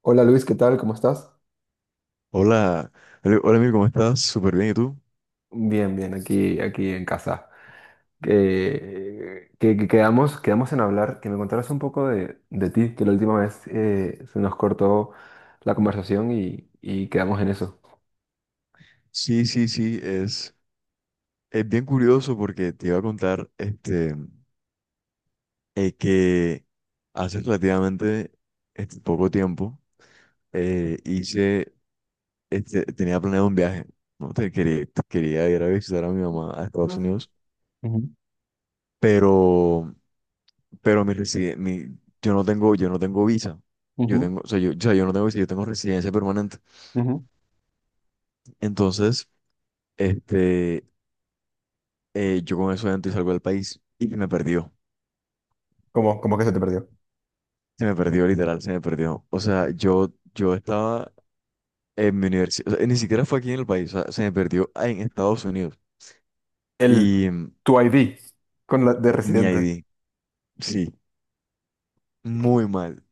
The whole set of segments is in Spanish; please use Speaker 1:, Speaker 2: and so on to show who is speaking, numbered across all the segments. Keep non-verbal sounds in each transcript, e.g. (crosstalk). Speaker 1: Hola Luis, ¿qué tal? ¿Cómo estás?
Speaker 2: Hola, Emil, ¿cómo estás? Súper bien, ¿y tú?
Speaker 1: Bien, bien, aquí en casa. Quedamos en hablar, que me contaras un poco de ti, que la última vez se nos cortó la conversación y quedamos en eso.
Speaker 2: Sí, sí, sí, es bien curioso porque te iba a contar que hace relativamente poco tiempo, eh, hice, tenía planeado un viaje, ¿no? Quería ir a visitar a mi mamá a Estados
Speaker 1: No.
Speaker 2: Unidos, pero, pero yo no tengo visa. Yo tengo, o sea, yo no tengo visa, yo tengo residencia permanente. Entonces. Este, yo con eso adentro y salgo del país y me perdió.
Speaker 1: ¿Cómo, cómo que se te perdió?
Speaker 2: Se me perdió, literal, se me perdió. O sea, yo estaba en mi universidad, o sea, ni siquiera fue aquí en el país, o sea, se me perdió en Estados Unidos.
Speaker 1: El
Speaker 2: Y mm,
Speaker 1: Tu ID con la de
Speaker 2: mi
Speaker 1: residente.
Speaker 2: ID, sí, muy mal.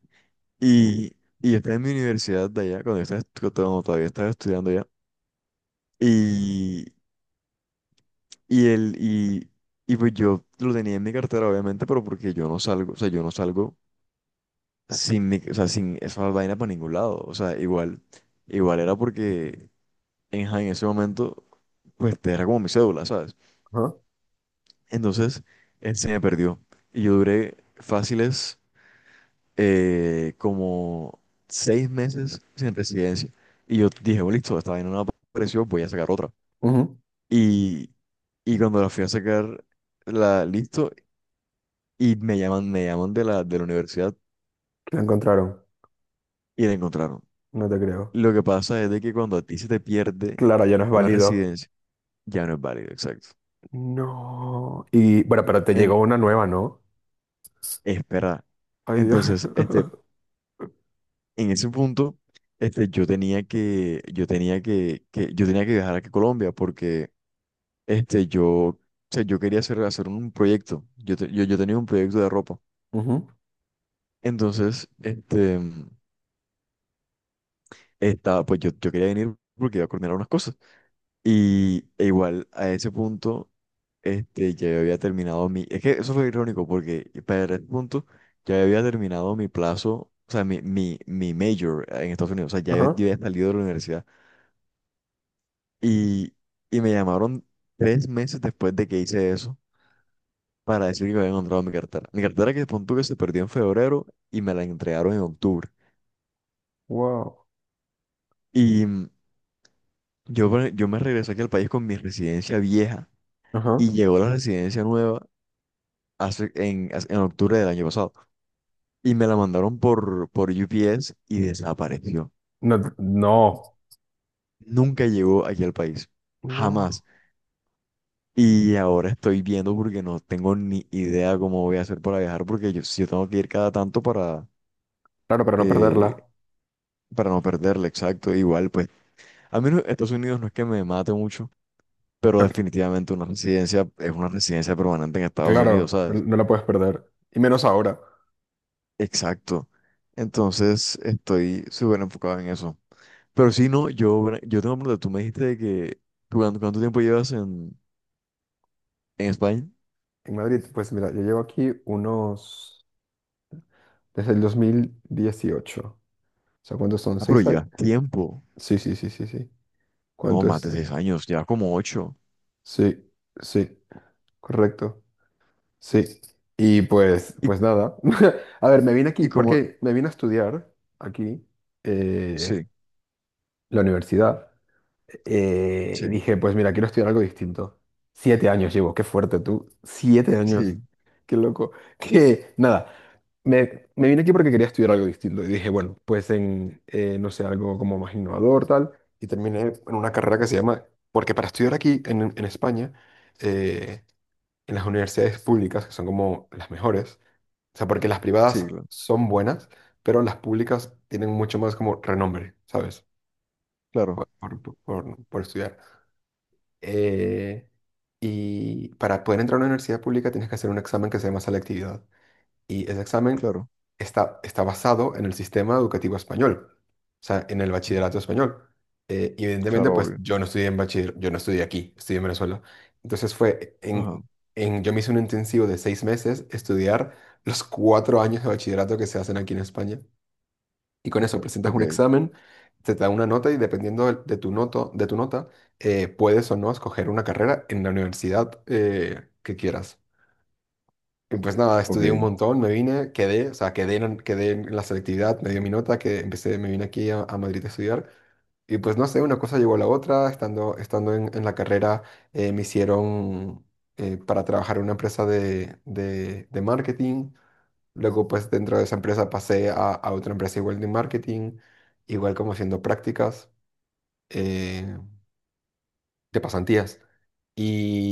Speaker 2: Y, y yo estaba en mi universidad de allá, cuando todavía estaba estudiando allá. Y, y, el, y, y pues yo lo tenía en mi cartera, obviamente, pero porque yo no salgo, o sea, yo no salgo sin, mi- o sea, sin esa vaina para ningún lado. O sea, igual era porque en ese momento, pues te era como mi cédula, ¿sabes?
Speaker 1: Ajá,
Speaker 2: Entonces, él se me perdió. Y yo duré fáciles, como 6 meses sin residencia. Y yo dije, bueno, listo, esta vaina no apareció, voy a sacar otra.
Speaker 1: ujú.
Speaker 2: Y, y cuando la fui a sacar, la listo, y me llaman de la universidad
Speaker 1: Lo encontraron.
Speaker 2: y la encontraron.
Speaker 1: No te creo.
Speaker 2: Lo que pasa es de que cuando a ti se te pierde
Speaker 1: Claro, ya no es
Speaker 2: una
Speaker 1: válido.
Speaker 2: residencia, ya no es válido, exacto.
Speaker 1: No. Y bueno, pero te
Speaker 2: En,
Speaker 1: llegó una nueva, ¿no?
Speaker 2: Espera.
Speaker 1: Ay, Dios.
Speaker 2: Entonces,
Speaker 1: (laughs)
Speaker 2: en ese punto, yo tenía que viajar aquí a Colombia porque, o sea, yo quería hacer un proyecto. Yo tenía un proyecto de ropa.
Speaker 1: Ujú.
Speaker 2: Entonces, pues yo quería venir porque iba a coordinar unas cosas. E igual a ese punto, ya yo había terminado mi. Es que eso fue irónico porque para ese punto ya yo había terminado mi plazo, o sea, mi major en Estados Unidos, o sea, ya yo,
Speaker 1: Ajá.
Speaker 2: yo había salido de la universidad. Y, y me llamaron 3 meses después de que hice eso para decir que había encontrado mi cartera. Mi cartera que punto que se perdió en febrero y me la entregaron en octubre.
Speaker 1: Wow.
Speaker 2: Y mm, yo me regresé aquí al país con mi residencia vieja
Speaker 1: Ajá.
Speaker 2: y llegó la residencia nueva en octubre del año pasado. Y me la mandaron por, UPS y desapareció.
Speaker 1: No,
Speaker 2: Nunca llegó aquí al país.
Speaker 1: no.
Speaker 2: Jamás. Y ahora estoy viendo porque no tengo ni idea cómo voy a hacer para viajar porque si yo tengo que ir cada tanto
Speaker 1: Claro, para no
Speaker 2: eh,
Speaker 1: perderla.
Speaker 2: para no perderla, exacto. Igual, pues, a mí no- Estados Unidos no es que me mate mucho, pero
Speaker 1: No,
Speaker 2: definitivamente una residencia es una residencia permanente en Estados Unidos,
Speaker 1: claro, no,
Speaker 2: ¿sabes?
Speaker 1: no la puedes perder. Y menos ahora.
Speaker 2: Exacto. Entonces estoy súper enfocado en eso. Pero si no, yo tengo una pregunta. Tú me dijiste de que, ¿tú cuánto tiempo llevas en España?
Speaker 1: En Madrid, pues mira, yo llevo aquí unos… desde el 2018. O sea, ¿cuántos son?
Speaker 2: Ah, pero
Speaker 1: ¿Seis años?
Speaker 2: llevas tiempo.
Speaker 1: Sí, sí, sí, sí, sí.
Speaker 2: No,
Speaker 1: ¿Cuánto
Speaker 2: más de seis
Speaker 1: es?
Speaker 2: años, llevas como 8.
Speaker 1: Sí, sí, correcto. Sí. Y pues,
Speaker 2: Y,
Speaker 1: pues nada. (laughs) A ver, me vine aquí,
Speaker 2: y como,
Speaker 1: porque me vine a estudiar aquí eh,
Speaker 2: sí,
Speaker 1: la universidad.
Speaker 2: sí,
Speaker 1: Y dije, pues mira, quiero estudiar algo distinto. Siete años llevo, qué fuerte tú. Siete años.
Speaker 2: sí,
Speaker 1: Qué loco. (laughs) Que nada, me vine aquí porque quería estudiar algo distinto. Y dije, bueno, no sé, algo como más innovador, tal. Y terminé en una carrera que se llama, porque para estudiar aquí en España, eh, en las universidades públicas, que son como las mejores, o sea, porque las
Speaker 2: sí,
Speaker 1: privadas
Speaker 2: cla-
Speaker 1: son buenas, pero las públicas tienen mucho más como renombre, ¿sabes?
Speaker 2: claro,
Speaker 1: Por estudiar eh, y para poder entrar a una universidad pública tienes que hacer un examen que se llama selectividad. Y ese examen
Speaker 2: claro,
Speaker 1: está basado en el sistema educativo español, o sea, en el bachillerato español. Y evidentemente,
Speaker 2: claro,
Speaker 1: pues
Speaker 2: obvio.
Speaker 1: yo no estudié en bachiller, yo no estudié aquí, estudié en Venezuela. Entonces fue
Speaker 2: Ajá,
Speaker 1: en, yo me hice un intensivo de seis meses estudiar los cuatro años de bachillerato que se hacen aquí en España y con eso presentas
Speaker 2: ok,
Speaker 1: un examen, te da una nota y dependiendo del- de, tu noto, de tu nota, puedes o no escoger una carrera en la universidad que quieras. Y pues nada,
Speaker 2: ok,
Speaker 1: estudié un montón, me vine, quedé, o sea, quedé en la selectividad, me dio mi nota, que empecé, me vine aquí a Madrid a estudiar. Y pues no sé, una cosa llevó a la otra, estando en la carrera me hicieron para trabajar en una empresa de marketing. Luego, pues dentro de esa empresa pasé a otra empresa igual de marketing, igual como haciendo prácticas eh, de pasantías.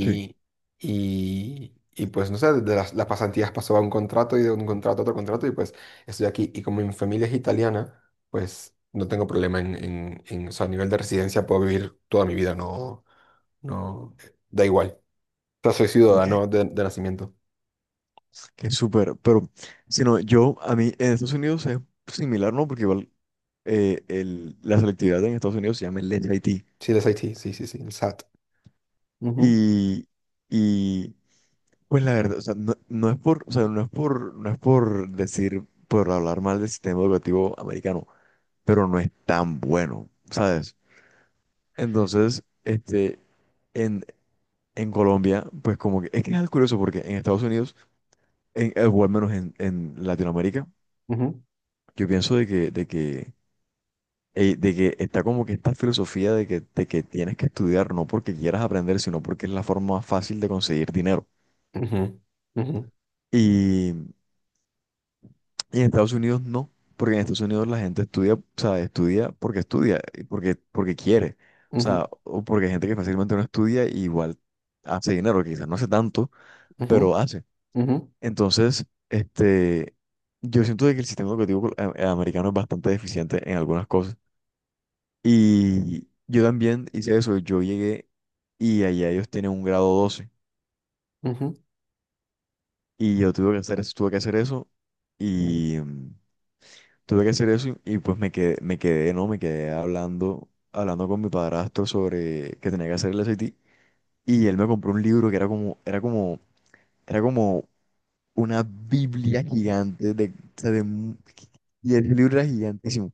Speaker 2: sí,
Speaker 1: y pues no sé, las pasantías pasó a un contrato y de un contrato a otro contrato y pues estoy aquí. Y como mi familia es italiana, pues no tengo problema o sea, a nivel de residencia puedo vivir toda mi vida, no, no, da igual. O sea, soy
Speaker 2: ok.
Speaker 1: ciudadano de nacimiento.
Speaker 2: Qué súper, pero si no, a mí, en Estados Unidos es similar, ¿no? Porque igual, la selectividad en Estados Unidos se llama el SAT.
Speaker 1: Sí, del SAT, sí, sí, sí, el SAT. Ujú,
Speaker 2: Y, y pues la verdad, o sea, no, no es por, o sea, no es por decir, por hablar mal del sistema educativo americano, pero no es tan bueno, ¿sabes? Entonces, en, en Colombia, pues como que es algo curioso porque en Estados Unidos, o al menos en Latinoamérica,
Speaker 1: ujú,
Speaker 2: yo pienso de que está como que esta filosofía de que tienes que estudiar no porque quieras aprender, sino porque es la forma más fácil de conseguir dinero.
Speaker 1: ujú. Ujú,
Speaker 2: y Y en Estados Unidos no, porque en Estados Unidos la gente estudia, o sea, estudia porque estudia, y porque quiere, o
Speaker 1: ujú,
Speaker 2: sea, o porque hay gente que fácilmente no estudia y igual hace dinero, que quizás no hace tanto,
Speaker 1: ujú,
Speaker 2: pero hace.
Speaker 1: ujú,
Speaker 2: Entonces, yo siento de que el sistema educativo americano es bastante deficiente en algunas cosas. Y yo también hice eso, yo llegué y allá ellos tienen un grado 12
Speaker 1: ujú,
Speaker 2: y yo tuve que hacer eso, tuve que hacer eso y tuve que hacer eso y pues me quedé, ¿no? Me quedé hablando con mi padrastro sobre que tenía que hacer el SAT. Y él me compró un libro que era como una Biblia gigante de, o sea, y el libro era gigantísimo.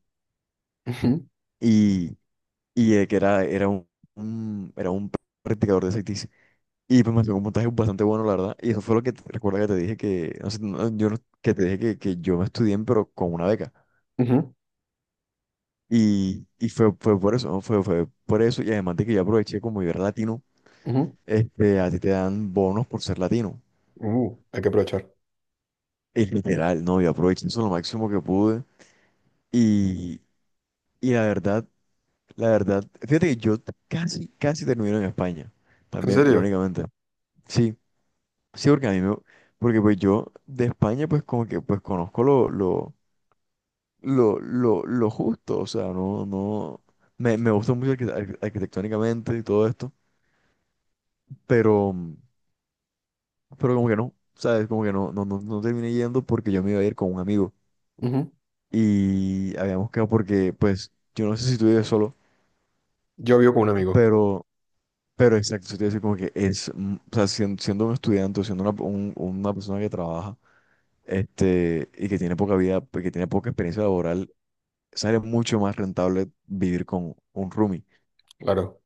Speaker 1: ujú,
Speaker 2: Y, que era un practicador de SATs. Y pues me sacó un puntaje bastante bueno, la verdad. Y eso fue recuerda que te dije que, no sé, no, yo no- que te dije que yo me estudié, pero con una beca.
Speaker 1: ujú,
Speaker 2: Y fue por eso, ¿no? Fue por eso. Y además de que yo aproveché, como yo era latino,
Speaker 1: ujú.
Speaker 2: a ti te dan bonos por ser latino.
Speaker 1: Hay que aprovechar.
Speaker 2: Es literal, ¿no? Yo aproveché eso lo máximo que pude. Y, y la verdad, fíjate que yo casi, casi termino en España.
Speaker 1: ¿En
Speaker 2: También,
Speaker 1: serio?
Speaker 2: irónicamente. Sí, sí, porque porque pues yo de España, pues como que, pues conozco lo justo. O sea, no, no, me gusta mucho arquitectónicamente y todo esto. Pero... pero como que no, ¿sabes? Como que no, no, no, no terminé yendo porque yo me iba a ir con un amigo
Speaker 1: Ujú.
Speaker 2: y habíamos quedado porque, pues, yo no sé si tú vives solo,
Speaker 1: Yo vivo con un amigo.
Speaker 2: pero, pero exacto, eso te iba a decir como que es, o sea, siendo un estudiante o siendo una persona que trabaja, y que tiene poca vida, pues, que tiene poca experiencia laboral, sale mucho más rentable vivir con un roomie.
Speaker 1: Claro,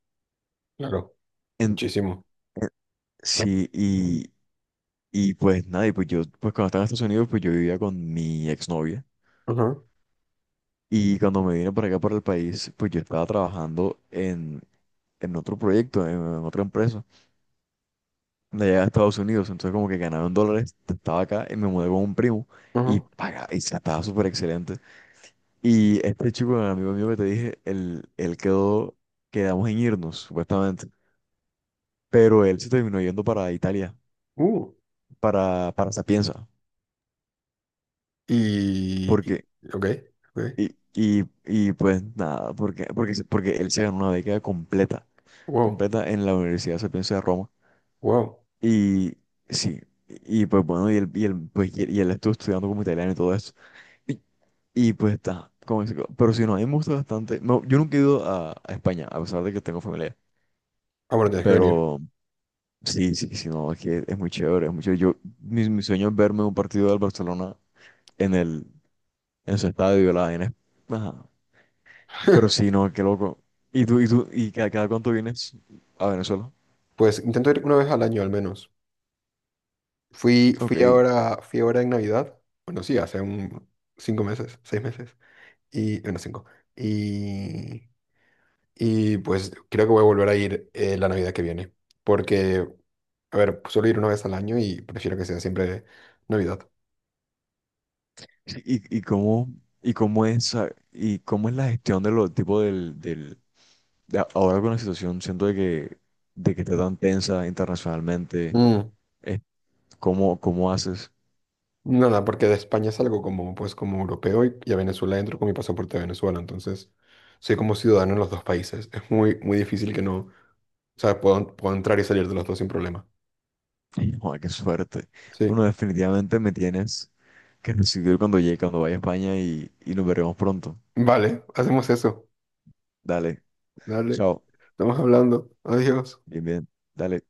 Speaker 1: claro.
Speaker 2: En,
Speaker 1: Muchísimo.
Speaker 2: en- sí, y pues nada, pues cuando estaba en Estados Unidos, pues yo vivía con mi exnovia.
Speaker 1: Ajá,
Speaker 2: Y cuando me vine para acá, para el país, pues yo estaba trabajando en otro proyecto, en otra empresa, de allá de Estados Unidos. Entonces, como que ganaba en dólares, estaba acá y me mudé con un primo
Speaker 1: ajá.
Speaker 2: estaba súper excelente. Y este chico, el amigo mío que te dije, él quedamos en irnos, supuestamente. Pero él se terminó yendo para Italia,
Speaker 1: Uh.
Speaker 2: para Sapienza,
Speaker 1: Y-
Speaker 2: porque,
Speaker 1: Ok, ok.
Speaker 2: y pues nada, porque él se ganó una beca completa,
Speaker 1: Wow,
Speaker 2: completa en la Universidad Sapienza de Roma.
Speaker 1: wow.
Speaker 2: Y sí, y pues bueno, pues, y él estuvo estudiando como italiano y todo eso. Y, pues está, pero si no, a mí me gusta bastante. No, yo nunca he ido a España, a pesar de que tengo familia.
Speaker 1: Ah, bueno, tienes que venir.
Speaker 2: Pero sí, sí, sí, no, es que es muy chévere, es muy chévere. Mi sueño es verme un partido del Barcelona en en su estadio, la vaina. Ajá. Pero sí,
Speaker 1: (laughs)
Speaker 2: no, qué loco. ¿Cada cuánto vienes a Venezuela?
Speaker 1: Pues intento ir una vez al año al menos. Fui
Speaker 2: Ok.
Speaker 1: ahora, fui ahora en Navidad. Bueno, sí, hace un cinco meses, seis meses. Y, bueno, cinco. y Y pues creo que voy a volver a ir la Navidad que viene. Porque, a ver, suelo ir una vez al año y prefiero que sea siempre Navidad.
Speaker 2: ¿Y, y cómo, y cómo es la gestión de los tipos del, ahora con la situación, siento de que está tan tensa internacionalmente,
Speaker 1: Mm,
Speaker 2: eh, ¿cómo haces?
Speaker 1: nada, porque de España salgo como, pues, como europeo y a Venezuela entro con mi pasaporte de Venezuela. Entonces, soy como ciudadano en los dos países. Es muy, muy difícil que no, o sea, puedo, puedo entrar y salir de los dos sin problema.
Speaker 2: Joder, qué suerte.
Speaker 1: Sí.
Speaker 2: Bueno, definitivamente me tienes que recibir cuando llegue, cuando vaya a España y nos veremos pronto.
Speaker 1: Vale, hacemos eso.
Speaker 2: Dale,
Speaker 1: Dale.
Speaker 2: chao,
Speaker 1: Estamos hablando. Adiós.
Speaker 2: bien, bien, dale.